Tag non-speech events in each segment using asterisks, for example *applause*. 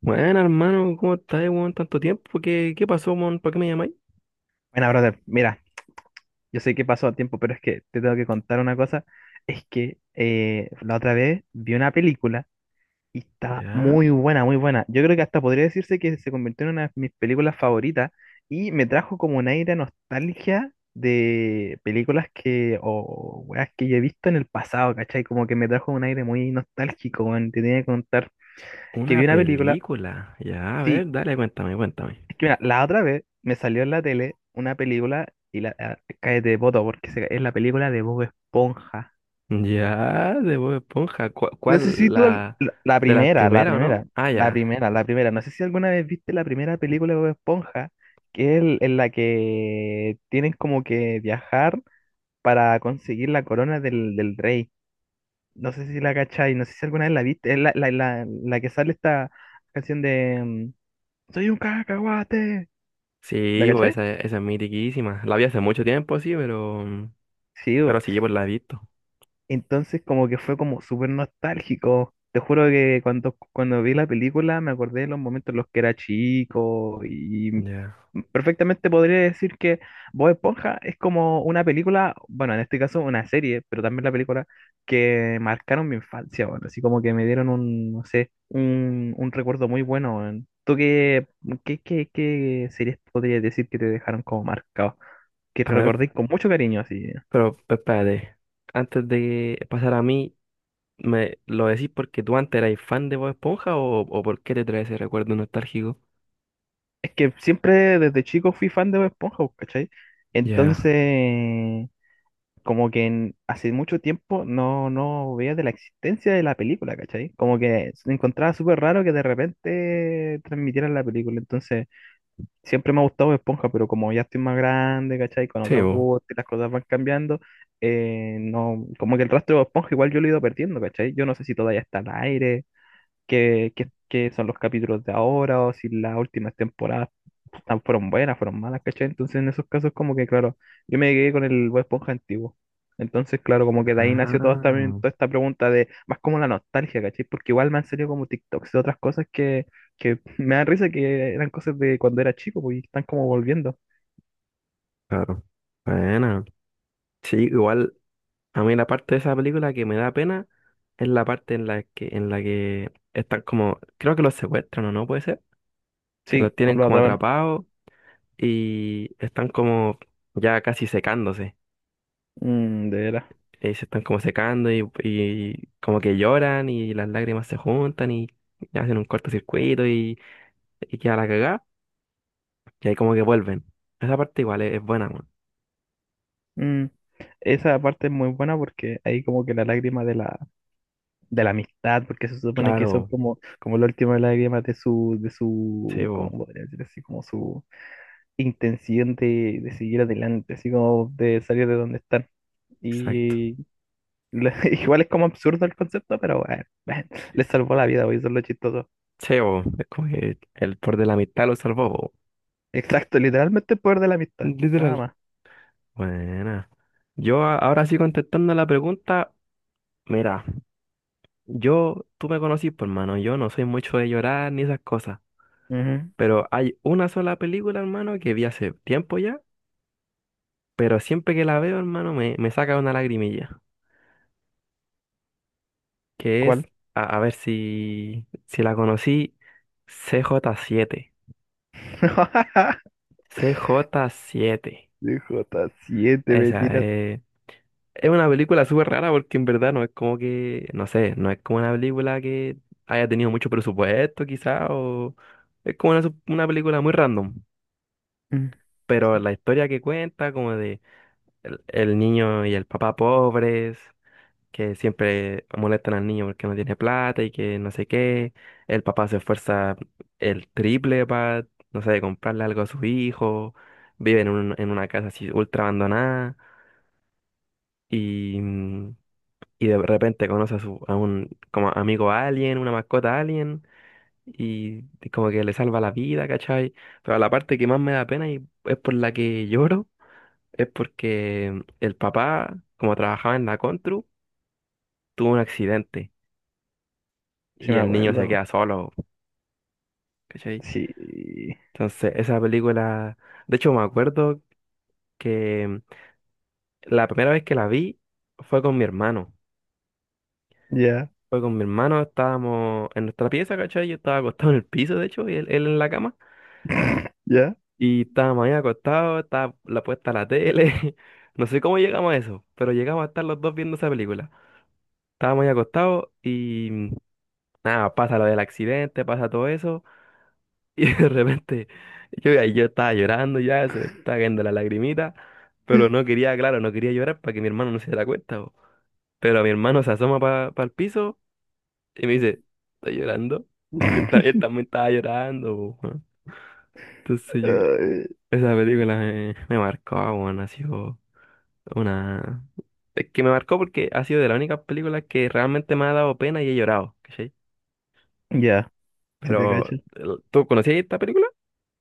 Bueno, hermano, ¿cómo estás, weón? Tanto tiempo, ¿qué pasó, mon? ¿Para qué me llamáis? Bueno, brother, mira, yo sé que pasó tiempo, pero es que te tengo que contar una cosa. Es que la otra vez vi una película y estaba Ya, muy buena, muy buena. Yo creo que hasta podría decirse que se convirtió en una de mis películas favoritas y me trajo como un aire de nostalgia de películas que, o weas que yo he visto en el pasado, ¿cachai? Como que me trajo un aire muy nostálgico, weón. Te tenía que contar que vi una una película, película. Ya, a sí. ver, dale, cuéntame. Es que mira, la otra vez me salió en la tele una película y cállate de poto porque es la película de Bob Esponja. Ya, de Bob Esponja. ¿Cuál, No sé si cuál, tú al- la la de las primera, la primeras, o no? primera, Ah, la ya. primera, la primera. No sé si alguna vez viste la primera película de Bob Esponja, en la que tienen como que viajar para conseguir la corona del rey. No sé si la cachai, no sé si alguna vez la viste. Es la que sale esta canción de Soy un cacahuate. ¿La Sí, pues cachai? esa es mitiquísima. La vi hace mucho tiempo, sí, Sí. pero sí, pues la he visto. Entonces como que fue como súper nostálgico. Te juro que cuando vi la película me acordé de los momentos en los que era chico y Ya. Perfectamente podría decir que Bob Esponja es como una película, bueno, en este caso una serie, pero también la película que marcaron mi infancia, bueno, así como que me dieron no sé, un recuerdo muy bueno, weón. ¿Tú qué series podrías decir que te dejaron como marcado? Que A te ver, recordé con mucho cariño así. pero espérate. Antes de pasar a mí, ¿me lo decís porque tú antes erais fan de Bob Esponja o por qué te traes ese recuerdo nostálgico? Es que siempre desde chico fui fan de Bob Esponja, pues, ¿cachai? Ya. Entonces, hace mucho tiempo no veía de la existencia de la película, ¿cachai? Como que me encontraba súper raro que de repente transmitieran la película. Entonces, siempre me ha gustado Bob Esponja, pero como ya estoy más grande, ¿cachai? Con Sí, otros vos. gustos y las cosas van cambiando, no, como que el rastro de Bob Esponja igual yo lo he ido perdiendo, ¿cachai? Yo no sé si todavía está al aire, qué son los capítulos de ahora o si las últimas temporadas fueron buenas, fueron malas, ¿cachai? Entonces en esos casos como que, claro, yo me quedé con el Bob Esponja antiguo. Entonces, claro, como que de ahí nació Ah, toda esta pregunta de más como la nostalgia, ¿cachai? Porque igual me han salido como TikToks de otras cosas que *laughs* me dan risa que eran cosas de cuando era chico, pues, y están como volviendo. claro. Bueno, sí, igual a mí la parte de esa película que me da pena es la parte en la que están como, creo que los secuestran o no puede ser, que los Sí, con tienen los como atrapan. atrapados y están como ya casi secándose. Mm, de veras. Se están como secando y como que lloran y las lágrimas se juntan y hacen un cortocircuito y queda la cagada y ahí como que vuelven. Esa parte igual es buena, man. Mm. Esa parte es muy buena porque ahí como que la lágrima de la amistad, porque se supone que son Claro, como, como la última lágrima de sí, su, ¿cómo vos, podría decir así? Como su intención de seguir adelante, así como de salir de donde están. exacto. Y *laughs* igual es como absurdo el concepto, pero bueno, les salvó la vida, hoy son los chistosos. Sí, bo, es como que el por de la mitad lo salvó, bo. Exacto, literalmente el poder de la amistad, nada Literal. más. Buena. Ahora sí contestando la pregunta, mira, yo, tú me conocís, pues, hermano, yo no soy mucho de llorar ni esas cosas, Ujú. pero hay una sola película, hermano, que vi hace tiempo ya, pero siempre que la veo, hermano, me saca una lagrimilla, que es, ¿Cuál? A ver si, si la conocí, C J siete, *laughs* C J siete, DJ7 me esa tira. es. Es una película súper rara porque en verdad no es como que, no sé, no es como una película que haya tenido mucho presupuesto quizá o es como una, una película muy random, Mm. pero la historia que cuenta como de el niño y el papá pobres que siempre molestan al niño porque no tiene plata y que no sé qué, el papá se esfuerza el triple para, no sé, comprarle algo a sus hijos, viven en, en una casa así ultra abandonada y... mm, y de repente conoce a, su, a un como amigo alien, una mascota alien, y como que le salva la vida, ¿cachai? Pero la parte que más me da pena y es por la que lloro, es porque el papá, como trabajaba en la Contru, tuvo un accidente Sí y me el niño se acuerdo. queda solo, ¿cachai? Sí. Entonces, esa película, de hecho me acuerdo que la primera vez que la vi fue con mi hermano. Ya, Fue con mi hermano, estábamos en nuestra pieza, ¿cachai? Yo estaba acostado en el piso, de hecho, y él en la cama. ya. Y estábamos ahí acostados, estaba la puesta la tele. *laughs* No sé cómo llegamos a eso, pero llegamos a estar los dos viendo esa película. Estábamos ahí acostados y nada, pasa lo del accidente, pasa todo eso. *laughs* Y de repente yo, ahí yo estaba llorando ya, se me estaba cayendo la lagrimita, pero no quería, claro, no quería llorar para que mi hermano no se diera cuenta, po. Pero mi hermano se asoma para el piso y me dice, ¿estás llorando? Y *laughs* él, él también estaba llorando, po, weón. Entonces yo, Ay. esa película me, me marcó, bueno, así. Po. Una... Es que me marcó porque ha sido de las únicas películas que realmente me ha dado pena y he llorado, ¿cachai? Ya. Si te Pero, cacho. ¿Tú conocías esta película?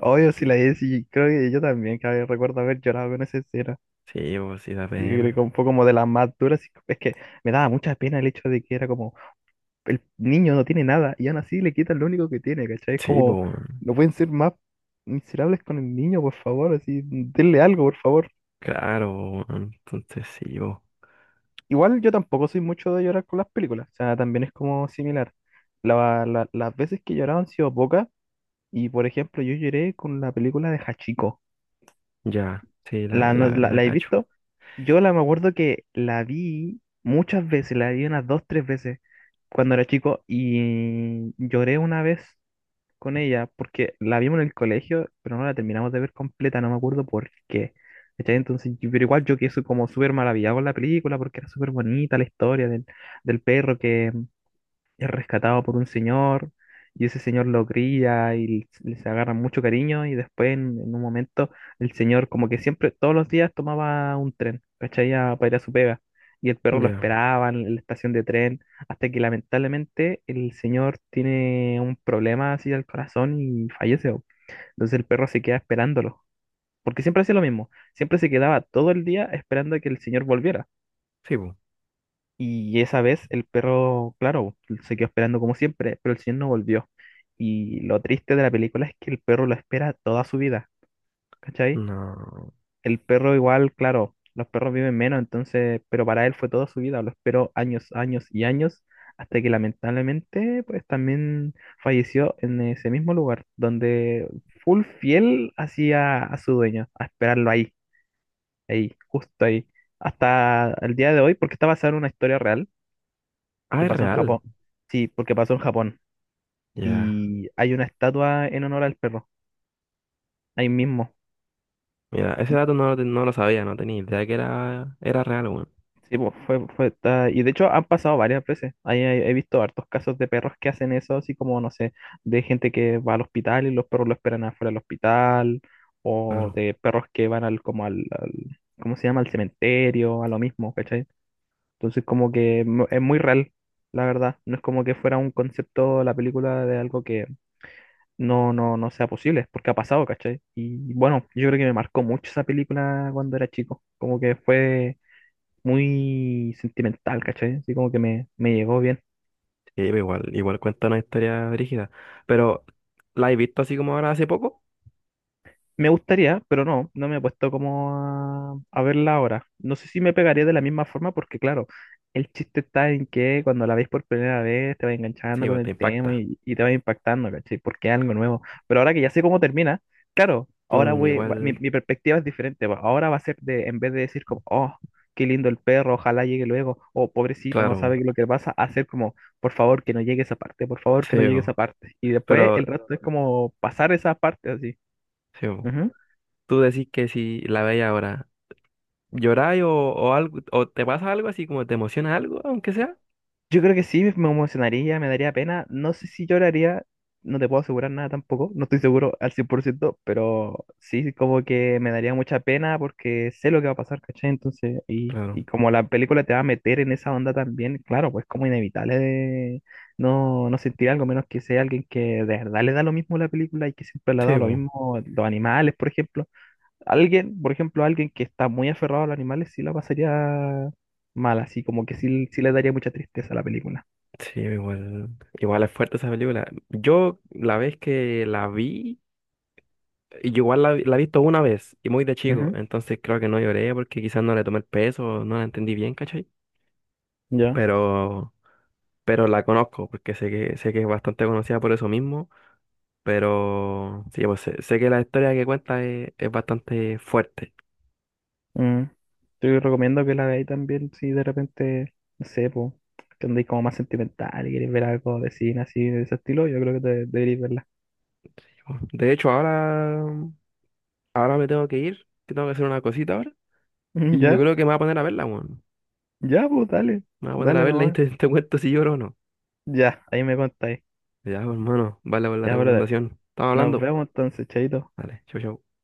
Obvio, si la Jessie, creo que yo también, que recuerdo haber llorado con esa escena. Sí, pues sí da Yo creo pena. que fue como de las más duras. Y Es que me daba mucha pena el hecho de que era como, el niño no tiene nada y aún así le quitan lo único que tiene, ¿cachai? Es Sí, como, pues, no pueden ser más miserables con el niño, por favor, así, denle algo, por favor. claro, po, weón, entonces sí, pues, Igual yo tampoco soy mucho de llorar con las películas, o sea, también es como similar. Las veces que he llorado han sido pocas y, por ejemplo, yo lloré con la película de Hachiko. ya, sí, la, La, no- la, la, la la he cacho. visto. Yo la me acuerdo que la vi muchas veces, la vi unas dos, tres veces cuando era chico y lloré una vez con ella porque la vimos en el colegio, pero no la terminamos de ver completa, no me acuerdo por qué. ¿Cachai? Entonces, pero igual yo quedé como súper maravillado con la película porque era súper bonita la historia del perro que es rescatado por un señor y ese señor lo cría y les agarra mucho cariño y después en un momento el señor como que siempre todos los días tomaba un tren, ¿cachai? Para ir a su pega y el perro lo Ya, esperaba en la estación de tren hasta que lamentablemente el señor tiene un problema así al corazón y fallece, bo. Entonces el perro se queda esperándolo. Porque siempre hacía lo mismo, siempre se quedaba todo el día esperando a que el señor volviera. sí, pues, Y esa vez el perro, claro, se quedó esperando como siempre, pero el señor no volvió. Y lo triste de la película es que el perro lo espera toda su vida, ¿cachai? no. El perro igual, claro, los perros viven menos, entonces, pero para él fue toda su vida, lo esperó años, años y años, hasta que lamentablemente, pues también falleció en ese mismo lugar, donde full fiel hacía a su dueño, a esperarlo ahí, ahí, justo ahí, hasta el día de hoy, porque está basada en una historia real Ah, que es pasó en real. Japón. Sí, porque pasó en Japón. Ya, Y hay una estatua en honor al perro, ahí mismo. mira, ese dato no, lo no lo sabía, no tenía idea que era, era real, weón. Sí, pues y de hecho han pasado varias veces. Ahí he visto hartos casos de perros que hacen eso, así como, no sé, de gente que va al hospital y los perros lo esperan afuera del hospital, o Claro. de perros que van al ¿cómo se llama? Al cementerio, a lo mismo, ¿cachai? Entonces como que es muy real, la verdad. No es como que fuera un concepto la película de algo no sea posible, porque ha pasado, ¿cachai? Y bueno, yo creo que me marcó mucho esa película cuando era chico, como que fue muy sentimental, ¿cachai? Así como que me llegó bien. Sí, pero igual, igual cuenta una historia brígida. Pero, ¿la he visto así como ahora hace poco? Me gustaría, pero no, no me he puesto como a verla ahora. No sé si me pegaría de la misma forma porque, claro, el chiste está en que cuando la veis por primera vez te va enganchando Sí, con pues te el tema impacta. Y te va impactando, ¿cachai? Porque es algo nuevo. Pero ahora que ya sé cómo termina, claro, Mm, igual, mi, mi perspectiva es diferente, va. Ahora va a ser de, en vez de decir como, oh, qué lindo el perro, ojalá llegue luego, o pobrecito, no claro, sabe lo que le pasa, hacer como, por favor, que no llegue esa parte, por favor, que no sí, llegue esa bo. parte. Y después Pero, el resto es como pasar esa parte así. sí, bo, Ujú. tú decís que si la veis ahora, ¿lloráis o algo, o te pasa algo así como te emociona algo, aunque sea? Yo creo que sí, me emocionaría, me daría pena. No sé si lloraría, no te puedo asegurar nada tampoco, no estoy seguro al 100%, pero sí, como que me daría mucha pena porque sé lo que va a pasar, ¿cachai? Entonces, Claro, y como la película te va a meter en esa onda también, claro, pues como inevitable de no sentir algo, menos que sea alguien que de verdad le da lo mismo la película y que siempre le ha sí, dado lo bo, mismo los animales, por ejemplo. Alguien, por ejemplo, alguien que está muy aferrado a los animales, sí la pasaría mal, así como que sí, sí le daría mucha tristeza a la película. sí, igual, igual es fuerte esa película. Yo, la vez que la vi, y yo igual la, la he visto una vez, y muy de chico, Ujú. entonces creo que no lloré porque quizás no le tomé el peso, no la entendí bien, ¿cachai? Ya. Pero, pero la conozco, porque sé que es bastante conocida por eso mismo. Pero sí, pues sé, sé que la historia que cuenta es bastante fuerte. Mm. Te recomiendo que la veáis también si de repente, no sé, pues, que andáis como más sentimental y queréis ver algo de cine así de ese estilo, yo creo que deberíais verla. De hecho, ahora, ahora me tengo que ir, que tengo que hacer una cosita ahora. Mm. Y yo Ya, creo que me voy a poner a verla, weón. ya, pues dale. Me voy a poner a Dale verla y nomás. te, *laughs* te cuento si lloro o no. Ya, ahí me contáis. Ya, pues, hermano, vale por la Ya, brother. recomendación. Estamos Nos hablando. vemos entonces, chaito. Vale, chau, chau.